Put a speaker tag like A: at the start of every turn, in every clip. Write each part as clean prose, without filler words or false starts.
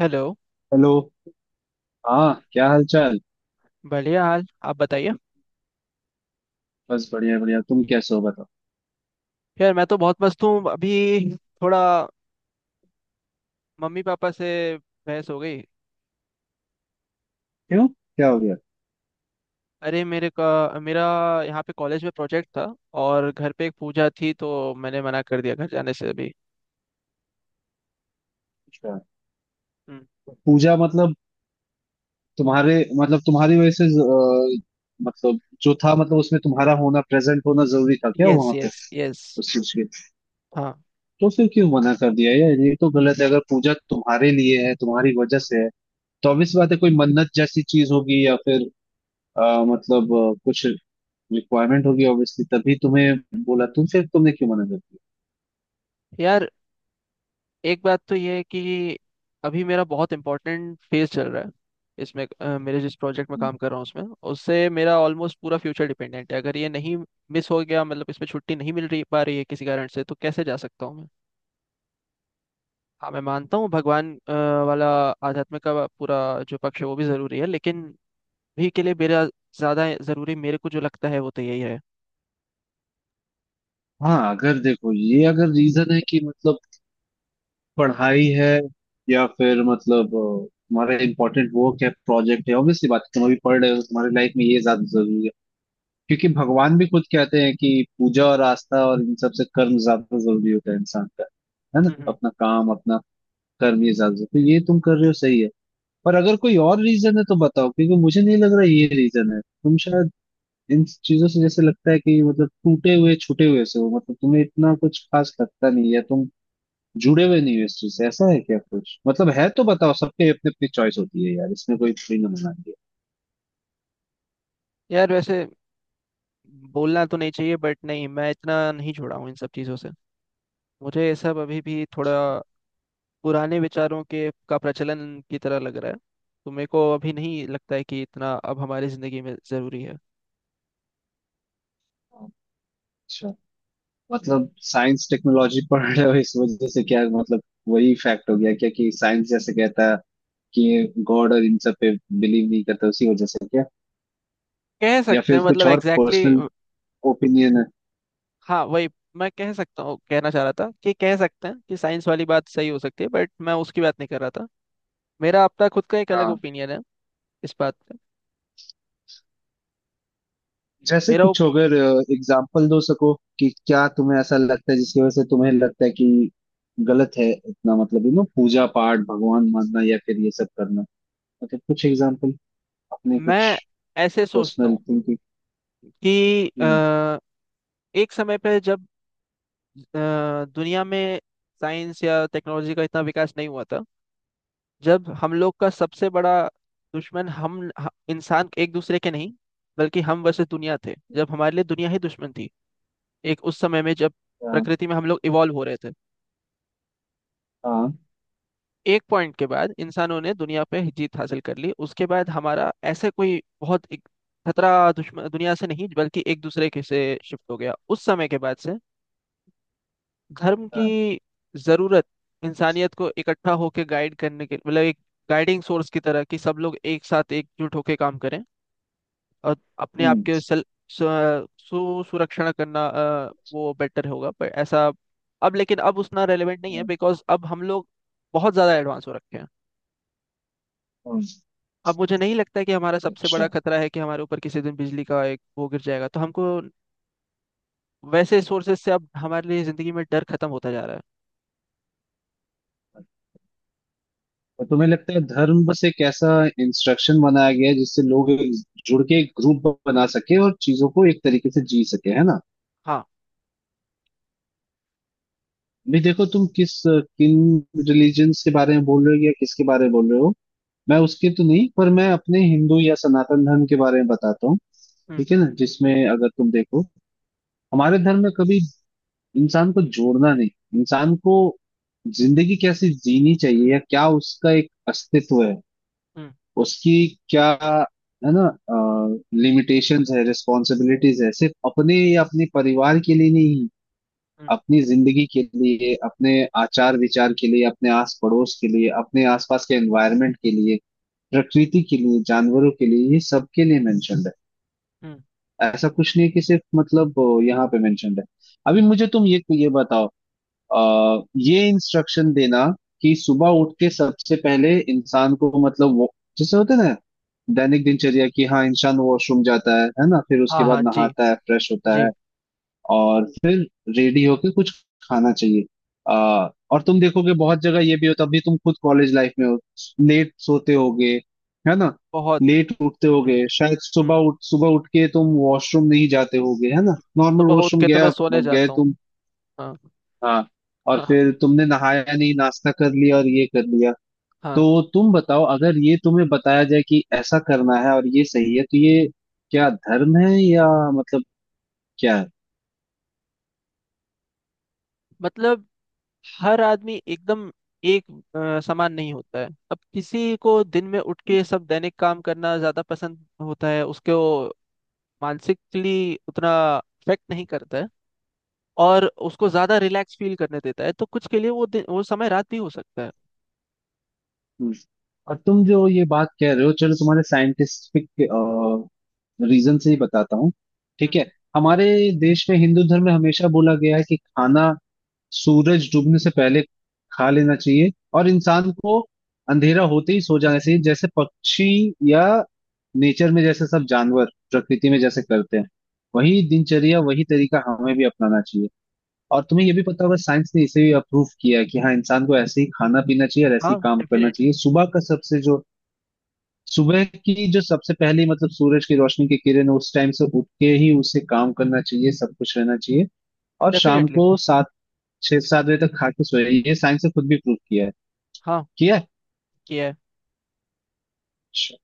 A: Hello.
B: Hello. हाँ, क्या हाल चाल।
A: बढ़िया हाल, आप बताइए।
B: बस, बढ़िया बढ़िया। तुम कैसे हो बताओ।
A: यार, मैं तो बहुत मस्त हूँ अभी। थोड़ा मम्मी पापा से बहस हो गई।
B: क्यों, क्या हो गया।
A: अरे मेरे का मेरा यहाँ पे कॉलेज में प्रोजेक्ट था और घर पे एक पूजा थी, तो मैंने मना कर दिया घर जाने से अभी।
B: अच्छा, पूजा मतलब तुम्हारे, मतलब तुम्हारी वजह से मतलब जो था, मतलब उसमें तुम्हारा होना, प्रेजेंट होना जरूरी था क्या
A: यस,
B: वहां पे,
A: यस, यस।
B: उस चीज के?
A: हाँ।
B: तो फिर क्यों मना कर दिया यार, ये तो गलत है। अगर पूजा तुम्हारे लिए है, तुम्हारी वजह से है, तो obvious बात है कोई मन्नत जैसी चीज होगी या फिर मतलब कुछ रिक्वायरमेंट होगी, ऑब्वियसली, तभी तुम्हें बोला। तुम फिर तुमने क्यों मना कर दिया?
A: यार, एक बात तो ये है कि अभी मेरा बहुत इंपॉर्टेंट फेज चल रहा है। इसमें मेरे जिस प्रोजेक्ट में काम कर रहा हूँ उसमें, उससे मेरा ऑलमोस्ट पूरा फ्यूचर डिपेंडेंट है। अगर ये नहीं मिस हो गया मतलब, इसमें छुट्टी नहीं मिल रही पा रही है किसी कारण से, तो कैसे जा सकता हूँ मैं। हाँ, मैं मानता हूँ भगवान वाला आध्यात्म का पूरा जो पक्ष है वो भी ज़रूरी है, लेकिन भी के लिए मेरा ज़्यादा ज़रूरी मेरे को जो लगता है वो तो यही है।
B: हाँ, अगर देखो ये, अगर रीजन है कि मतलब पढ़ाई है या फिर मतलब तुम्हारा इम्पोर्टेंट वर्क है, प्रोजेक्ट है, ऑब्वियसली बात है, तुम अभी पढ़ रहे हो, तुम्हारी लाइफ में ये ज्यादा जरूरी है क्योंकि भगवान भी खुद कहते हैं कि पूजा और आस्था और इन सब से कर्म ज्यादा जरूरी होता है इंसान का। है ना?
A: हम्म।
B: अपना काम, अपना कर्म, ये ज्यादा जरूरी। तो ये तुम कर रहे हो, सही है। पर अगर कोई और रीजन है तो बताओ क्योंकि मुझे नहीं लग रहा ये रीजन है। तुम शायद इन चीजों से, जैसे लगता है कि मतलब टूटे हुए छूटे हुए से हो, मतलब तुम्हें इतना कुछ खास लगता नहीं है, तुम जुड़े हुए नहीं हो इस चीज से। ऐसा है क्या कुछ, मतलब है तो बताओ, सबके अपनी अपनी चॉइस होती है यार, इसमें कोई फ्री ना मना दिया।
A: यार, वैसे बोलना तो नहीं चाहिए, बट नहीं, मैं इतना नहीं जुड़ा हूँ इन सब चीज़ों से। मुझे ये सब अभी भी थोड़ा पुराने विचारों के का प्रचलन की तरह लग रहा है। तो मेरे को अभी नहीं लगता है कि इतना अब हमारी जिंदगी में जरूरी है।
B: अच्छा, मतलब साइंस टेक्नोलॉजी पढ़ रहे हो इस वजह से क्या, मतलब वही फैक्ट हो गया क्या कि साइंस जैसे कहता है कि गॉड और इन सब पे बिलीव नहीं करता, उसी वजह से क्या?
A: कह
B: या
A: सकते
B: फिर
A: हैं
B: कुछ
A: मतलब,
B: और
A: एग्जैक्टली
B: पर्सनल
A: exactly,
B: ओपिनियन है?
A: हाँ, वही मैं कह सकता हूँ, कहना चाह रहा था कि कह सकते हैं कि साइंस वाली बात सही हो सकती है, बट मैं उसकी बात नहीं कर रहा था। मेरा अपना खुद का एक अलग
B: हाँ।
A: ओपिनियन है इस बात पे।
B: जैसे
A: मेरा ओप-
B: कुछ अगर एग्जाम्पल दो सको कि क्या तुम्हें ऐसा लगता है जिसकी वजह से तुम्हें लगता है कि गलत है इतना, मतलब यू नो पूजा पाठ भगवान मानना या फिर ये सब करना। ओके, कुछ एग्जांपल अपने, कुछ
A: मैं ऐसे सोचता
B: पर्सनल
A: हूँ
B: थिंकिंग।
A: कि
B: हम्म।
A: एक समय पे, जब दुनिया में साइंस या टेक्नोलॉजी का इतना विकास नहीं हुआ था, जब हम लोग का सबसे बड़ा दुश्मन इंसान एक दूसरे के नहीं बल्कि हम वर्सेस दुनिया थे, जब हमारे लिए दुनिया ही दुश्मन थी। एक उस समय में जब
B: आ,
A: प्रकृति में हम लोग इवॉल्व हो रहे थे।
B: आ,
A: एक पॉइंट के बाद इंसानों ने दुनिया पे जीत हासिल कर ली, उसके बाद हमारा ऐसे कोई बहुत एक खतरा दुश्मन दुनिया से नहीं बल्कि एक दूसरे के से शिफ्ट हो गया। उस समय के बाद से धर्म की
B: आ,
A: जरूरत इंसानियत को इकट्ठा होकर गाइड करने के मतलब एक गाइडिंग सोर्स की तरह कि सब लोग एक साथ एकजुट होकर काम करें और अपने आप
B: हम्म।
A: के सेल सु- सु- सुरक्षण करना, वो बेटर होगा। पर ऐसा अब, लेकिन अब उतना रेलेवेंट नहीं है,
B: हम्म।
A: बिकॉज अब हम लोग बहुत ज़्यादा एडवांस हो रखे हैं।
B: हम्म।
A: अब मुझे नहीं लगता है कि हमारा सबसे बड़ा
B: अच्छा,
A: खतरा है कि हमारे ऊपर किसी दिन बिजली का एक वो गिर जाएगा तो हमको वैसे सोर्सेज से अब हमारे लिए ज़िंदगी में डर खत्म होता जा रहा है।
B: तो तुम्हें लगता है धर्म बस एक ऐसा इंस्ट्रक्शन बनाया गया है जिससे लोग एक जुड़ के एक ग्रुप बना सके और चीजों को एक तरीके से जी सके, है ना?
A: हाँ।
B: भी देखो तुम किस, किन रिलीजन्स के बारे में बोल रहे हो या किसके बारे में बोल रहे हो। मैं उसके तो नहीं, पर मैं अपने हिंदू या सनातन धर्म के बारे में बताता हूँ,
A: हम्म।
B: ठीक है ना, जिसमें अगर तुम देखो, हमारे धर्म में कभी इंसान को जोड़ना नहीं, इंसान को जिंदगी कैसे जीनी चाहिए या क्या उसका एक अस्तित्व है,
A: हम्म।
B: उसकी क्या, है ना, लिमिटेशंस है, रिस्पॉन्सिबिलिटीज है सिर्फ अपने या अपने परिवार के लिए नहीं,
A: हम्म।
B: अपनी जिंदगी के लिए, अपने आचार विचार के लिए, अपने आस पड़ोस के लिए, अपने आसपास के एनवायरनमेंट के लिए, प्रकृति के लिए, जानवरों के लिए, ये सबके लिए मेंशनड है।
A: हम्म।
B: ऐसा कुछ नहीं है कि सिर्फ मतलब यहाँ पे मेंशनड है। अभी मुझे तुम ये बताओ, ये इंस्ट्रक्शन देना कि सुबह उठ के सबसे पहले इंसान को, मतलब वो जैसे होता है ना, दैनिक दिनचर्या की, हाँ, इंसान वॉशरूम जाता है ना, फिर उसके
A: हाँ।
B: बाद
A: हाँ जी।
B: नहाता है, फ्रेश होता
A: जी।
B: है और फिर रेडी होके कुछ खाना चाहिए। और तुम देखोगे बहुत जगह ये भी होता, अभी तुम खुद कॉलेज लाइफ में हो, लेट सोते होगे, है ना,
A: बहुत।
B: लेट उठते होगे,
A: हम्म।
B: शायद
A: हम्म।
B: सुबह उठ के तुम वॉशरूम नहीं जाते होगे, है ना, नॉर्मल
A: सुबह उठ
B: वॉशरूम
A: के तो मैं
B: गया,
A: सोने
B: गए
A: जाता हूँ।
B: तुम।
A: हाँ।
B: हाँ। और
A: हाँ। हाँ।
B: फिर तुमने नहाया नहीं, नाश्ता कर लिया और ये कर लिया।
A: हाँ।
B: तो तुम बताओ, अगर ये तुम्हें बताया जाए कि ऐसा करना है और ये सही है तो ये क्या धर्म है या मतलब क्या है?
A: मतलब, हर आदमी एकदम एक समान नहीं होता है। अब किसी को दिन में उठ के सब दैनिक काम करना ज्यादा पसंद होता है, उसको मानसिकली उतना अफेक्ट नहीं करता है और उसको
B: हाँ।
A: ज्यादा रिलैक्स फील करने देता है। तो कुछ के लिए वो दिन, वो समय रात भी हो सकता है।
B: हम्म। और तुम जो ये बात कह रहे हो, चलो तुम्हारे साइंटिफिक रीजन से ही बताता हूँ, ठीक
A: हम्म।
B: है। हमारे देश में हिंदू धर्म में हमेशा बोला गया है कि खाना सूरज डूबने से पहले खा लेना चाहिए, और इंसान को अंधेरा होते ही सो जाना चाहिए, जैसे पक्षी या नेचर में जैसे सब जानवर, प्रकृति में जैसे करते हैं, वही दिनचर्या, वही तरीका हमें भी अपनाना चाहिए। और तुम्हें ये भी पता होगा, साइंस ने इसे भी अप्रूव किया है कि हाँ, इंसान को ऐसे ही खाना पीना चाहिए और ऐसे ही
A: हाँ,
B: काम करना
A: डेफिनेटली।
B: चाहिए। सुबह की जो सबसे पहली, मतलब सूरज की रोशनी की किरण, उस टाइम से उठ के ही उसे काम करना चाहिए, सब कुछ रहना चाहिए। और शाम
A: डेफिनेटली।
B: को सात 6-7 बजे तक खा के सोए, ये साइंस ने खुद भी प्रूव किया है,
A: हाँ,
B: किया है।
A: किया है।
B: अच्छा।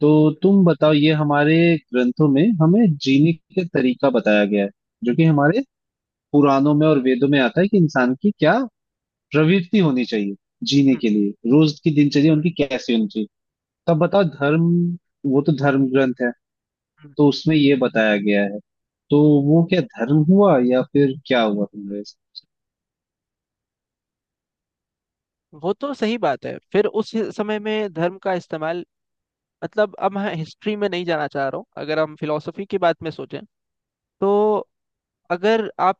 B: तो तुम बताओ, ये हमारे ग्रंथों में हमें जीने का तरीका बताया गया है, जो कि
A: हम्म।
B: हमारे पुराणों में और वेदों में आता है कि इंसान की क्या प्रवृत्ति होनी चाहिए जीने
A: हम्म।
B: के लिए, रोज की दिनचर्या उनकी कैसी होनी चाहिए। तब बताओ धर्म, वो तो धर्म ग्रंथ है,
A: हम्म।
B: तो उसमें ये बताया गया है, तो वो क्या धर्म हुआ या फिर क्या हुआ तुम्हारे?
A: वो तो सही बात है। फिर उस समय में धर्म का इस्तेमाल मतलब, अब मैं हिस्ट्री में नहीं जाना चाह रहा हूँ। अगर हम फिलोसफी की बात में सोचें, तो अगर आप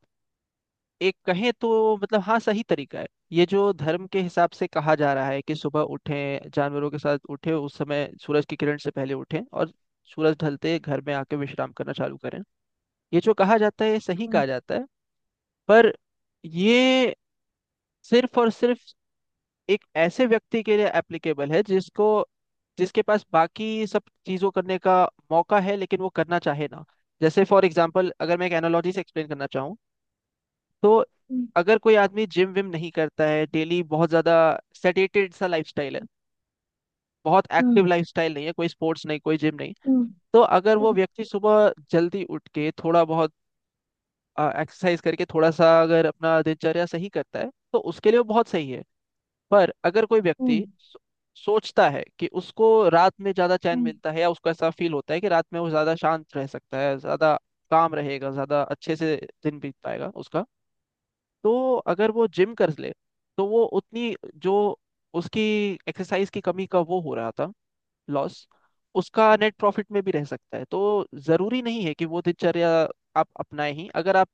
A: एक कहें तो मतलब, हाँ सही तरीका है। ये जो धर्म के हिसाब से कहा जा रहा है कि सुबह उठें जानवरों के साथ उठें उस समय सूरज की किरण से पहले उठें और सूरज ढलते घर में आके विश्राम करना चालू करें, ये जो कहा जाता है ये सही कहा जाता है। पर ये सिर्फ और सिर्फ एक ऐसे व्यक्ति के लिए एप्लीकेबल है जिसको जिसके पास बाकी सब चीज़ों करने का मौका है लेकिन वो करना चाहे ना। जैसे फॉर एग्जाम्पल, अगर मैं एक एनालॉजी से एक्सप्लेन करना चाहूँ, तो
B: हम्म।
A: अगर कोई आदमी जिम विम नहीं करता है डेली, बहुत ज्यादा सेटेटेड सा लाइफस्टाइल है, बहुत
B: हम्म।
A: एक्टिव लाइफस्टाइल नहीं है, कोई स्पोर्ट्स नहीं कोई जिम नहीं,
B: हम्म।
A: तो अगर वो व्यक्ति सुबह जल्दी उठ के थोड़ा बहुत एक्सरसाइज करके थोड़ा सा अगर अपना दिनचर्या सही करता है, तो उसके लिए वो बहुत सही है। पर अगर कोई
B: हम्म।
A: व्यक्ति सोचता है कि उसको रात में ज्यादा चैन
B: हम्म।
A: मिलता है, या उसको ऐसा फील होता है कि रात में वो ज्यादा शांत रह सकता है, ज्यादा काम रहेगा, ज्यादा अच्छे से दिन बीत पाएगा उसका, तो अगर वो जिम कर ले तो वो उतनी जो उसकी एक्सरसाइज की कमी का वो हो रहा था लॉस, उसका नेट प्रॉफिट में भी रह सकता है। तो जरूरी नहीं है कि वो दिनचर्या आप अपनाएं ही। अगर आप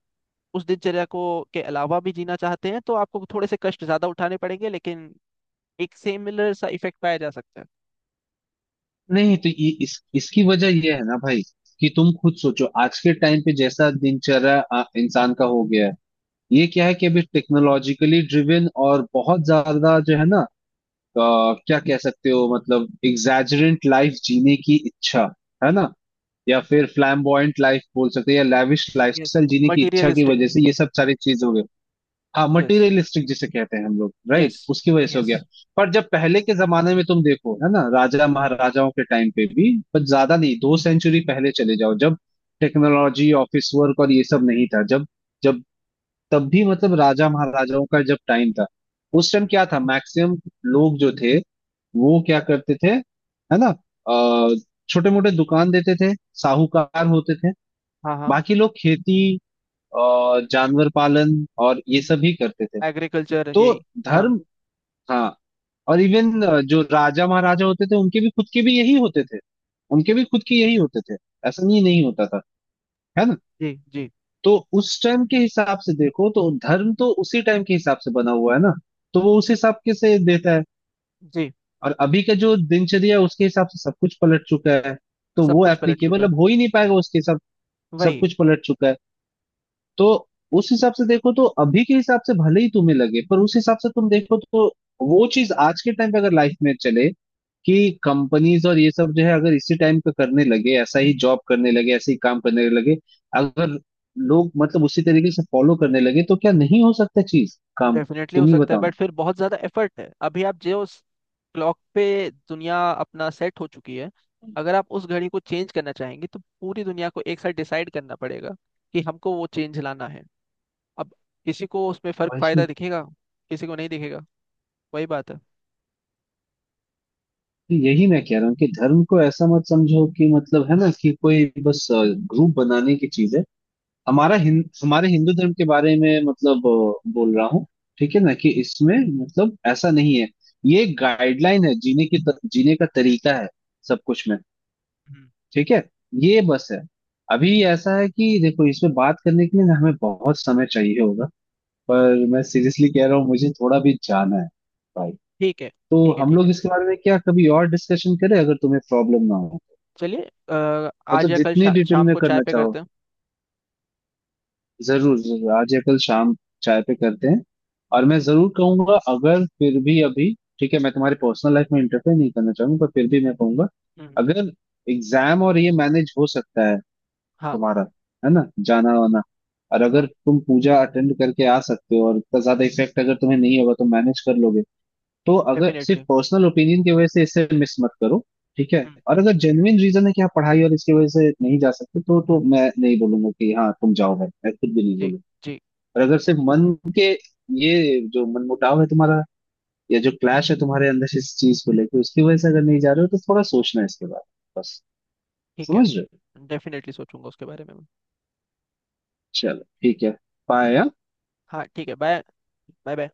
A: उस दिनचर्या को के अलावा भी जीना चाहते हैं, तो आपको थोड़े से कष्ट ज्यादा उठाने पड़ेंगे, लेकिन एक सिमिलर सा इफेक्ट पाया जा सकता है।
B: नहीं, तो ये इस इसकी वजह ये है ना भाई कि तुम खुद सोचो आज के टाइम पे जैसा दिनचर्या इंसान का हो गया है, ये क्या है कि अभी टेक्नोलॉजिकली ड्रिवन और बहुत ज्यादा जो है ना, अ, क्या कह सकते हो, मतलब एग्जैजरेंट लाइफ जीने की इच्छा, है ना,
A: हम्म।
B: या फिर फ्लैम्बॉयंट लाइफ बोल सकते हैं या लैविश
A: yes,
B: लाइफस्टाइल जीने की इच्छा की
A: materialistic।
B: वजह से ये सब सारी चीज हो गई। हाँ,
A: yes,
B: मटेरियलिस्टिक जिसे कहते हैं हम लोग, राइट,
A: yes,
B: उसकी वजह से हो गया।
A: yes।
B: पर जब पहले के जमाने में तुम देखो, है ना, राजा महाराजाओं के टाइम पे भी, पर ज्यादा नहीं, 2 सेंचुरी पहले चले जाओ, जब टेक्नोलॉजी, ऑफिस वर्क और ये सब नहीं था, जब जब तब भी, मतलब राजा महाराजाओं का जब टाइम था, उस टाइम
A: हम्म।
B: क्या था, मैक्सिमम लोग जो थे वो क्या करते थे, है ना, छोटे मोटे दुकान देते थे, साहूकार होते थे,
A: हाँ, हाँ।
B: बाकी लोग खेती, अ, जानवर पालन और ये सब ही करते थे।
A: एग्रीकल्चर,
B: तो
A: यही। हाँ
B: धर्म, हाँ, और इवन जो राजा महाराजा होते थे, उनके भी खुद के भी यही होते थे, उनके भी खुद के यही होते थे, ऐसा नहीं नहीं होता था, है ना।
A: जी। जी।
B: तो उस टाइम के हिसाब से देखो तो धर्म तो उसी टाइम के हिसाब से बना हुआ है ना, तो वो उस हिसाब के से देता है।
A: जी।
B: और अभी का जो दिनचर्या है, उसके हिसाब से सब कुछ पलट चुका है, तो
A: सब
B: वो
A: कुछ पलट चुका
B: एप्लीकेबल
A: है।
B: अब हो ही नहीं पाएगा उसके हिसाब। सब
A: वही।
B: कुछ पलट चुका है। तो उस हिसाब से देखो तो अभी के हिसाब से भले ही तुम्हें लगे, पर उस हिसाब से तुम देखो तो वो चीज आज के टाइम पे अगर लाइफ में चले कि कंपनीज और ये सब जो है, अगर इसी टाइम पे करने लगे, ऐसा ही जॉब करने लगे, ऐसे ही काम करने लगे, अगर लोग मतलब उसी तरीके से फॉलो करने लगे तो क्या नहीं हो सकता, चीज काम?
A: डेफिनेटली हो
B: तुम ही
A: सकता है
B: बताओ ना।
A: बट फिर बहुत ज्यादा एफर्ट है। अभी आप जो क्लॉक पे दुनिया अपना सेट हो चुकी है, अगर आप उस घड़ी को चेंज करना चाहेंगे तो पूरी दुनिया को एक साथ डिसाइड करना पड़ेगा कि हमको वो चेंज लाना है। अब किसी को उसमें फर्क
B: वैसे
A: फायदा दिखेगा, किसी को नहीं दिखेगा। वही बात है।
B: यही मैं कह रहा हूँ कि धर्म को ऐसा मत समझो कि मतलब है ना कि कोई बस ग्रुप बनाने की चीज है। हमारे हिंदू धर्म के बारे में मतलब बोल रहा हूँ, ठीक है ना, कि इसमें, मतलब ऐसा नहीं है, ये गाइडलाइन है, जीने का तरीका है, सब कुछ में।
A: हम्म।
B: ठीक है, ये बस है। अभी ऐसा है कि देखो, इसमें बात करने के लिए ना हमें बहुत समय चाहिए होगा, पर मैं सीरियसली कह रहा हूँ, मुझे थोड़ा भी जाना है भाई।
A: ठीक है,
B: तो
A: ठीक है।
B: हम
A: ठीक है,
B: लोग इसके बारे में क्या कभी और डिस्कशन करें, अगर तुम्हें प्रॉब्लम ना हो,
A: चलिए। आज
B: मतलब
A: या कल
B: जितनी डिटेल
A: शाम
B: में
A: को चाय
B: करना
A: पे
B: चाहो।
A: करते हैं।
B: जरूर जरूर, आज या कल शाम चाय पे करते हैं। और मैं जरूर कहूंगा, अगर फिर भी अभी, ठीक है मैं तुम्हारी पर्सनल लाइफ में इंटरफेयर नहीं करना चाहूंगा, पर फिर भी मैं कहूंगा,
A: हम्म।
B: अगर एग्जाम और ये मैनेज हो सकता है
A: हाँ,
B: तुम्हारा, है ना, जाना वाना, और अगर
A: हाँ।
B: तुम पूजा अटेंड करके आ सकते हो और इतना ज्यादा इफेक्ट अगर तुम्हें नहीं होगा तो मैनेज कर लोगे, तो अगर सिर्फ
A: डेफिनेटली।
B: पर्सनल ओपिनियन की वजह से इसे मिस मत करो, ठीक है।
A: हम्म।
B: और अगर जेन्युइन रीजन है कि आप पढ़ाई और इसकी वजह से नहीं जा सकते तो मैं नहीं बोलूंगा कि हाँ तुम जाओ भाई, मैं खुद भी नहीं
A: जी।
B: बोलूंगा।
A: जी।
B: और अगर सिर्फ मन के, ये जो मनमुटाव है तुम्हारा या जो क्लैश है तुम्हारे अंदर, इस चीज को लेके उसकी वजह से अगर नहीं जा रहे हो तो थोड़ा सोचना है इसके बारे में बस,
A: ठीक है।
B: समझ रहे हो?
A: डेफिनेटली सोचूंगा उसके बारे में मैं।
B: चलो ठीक है। बाय।
A: हाँ ठीक है, बाय। Bye, bye.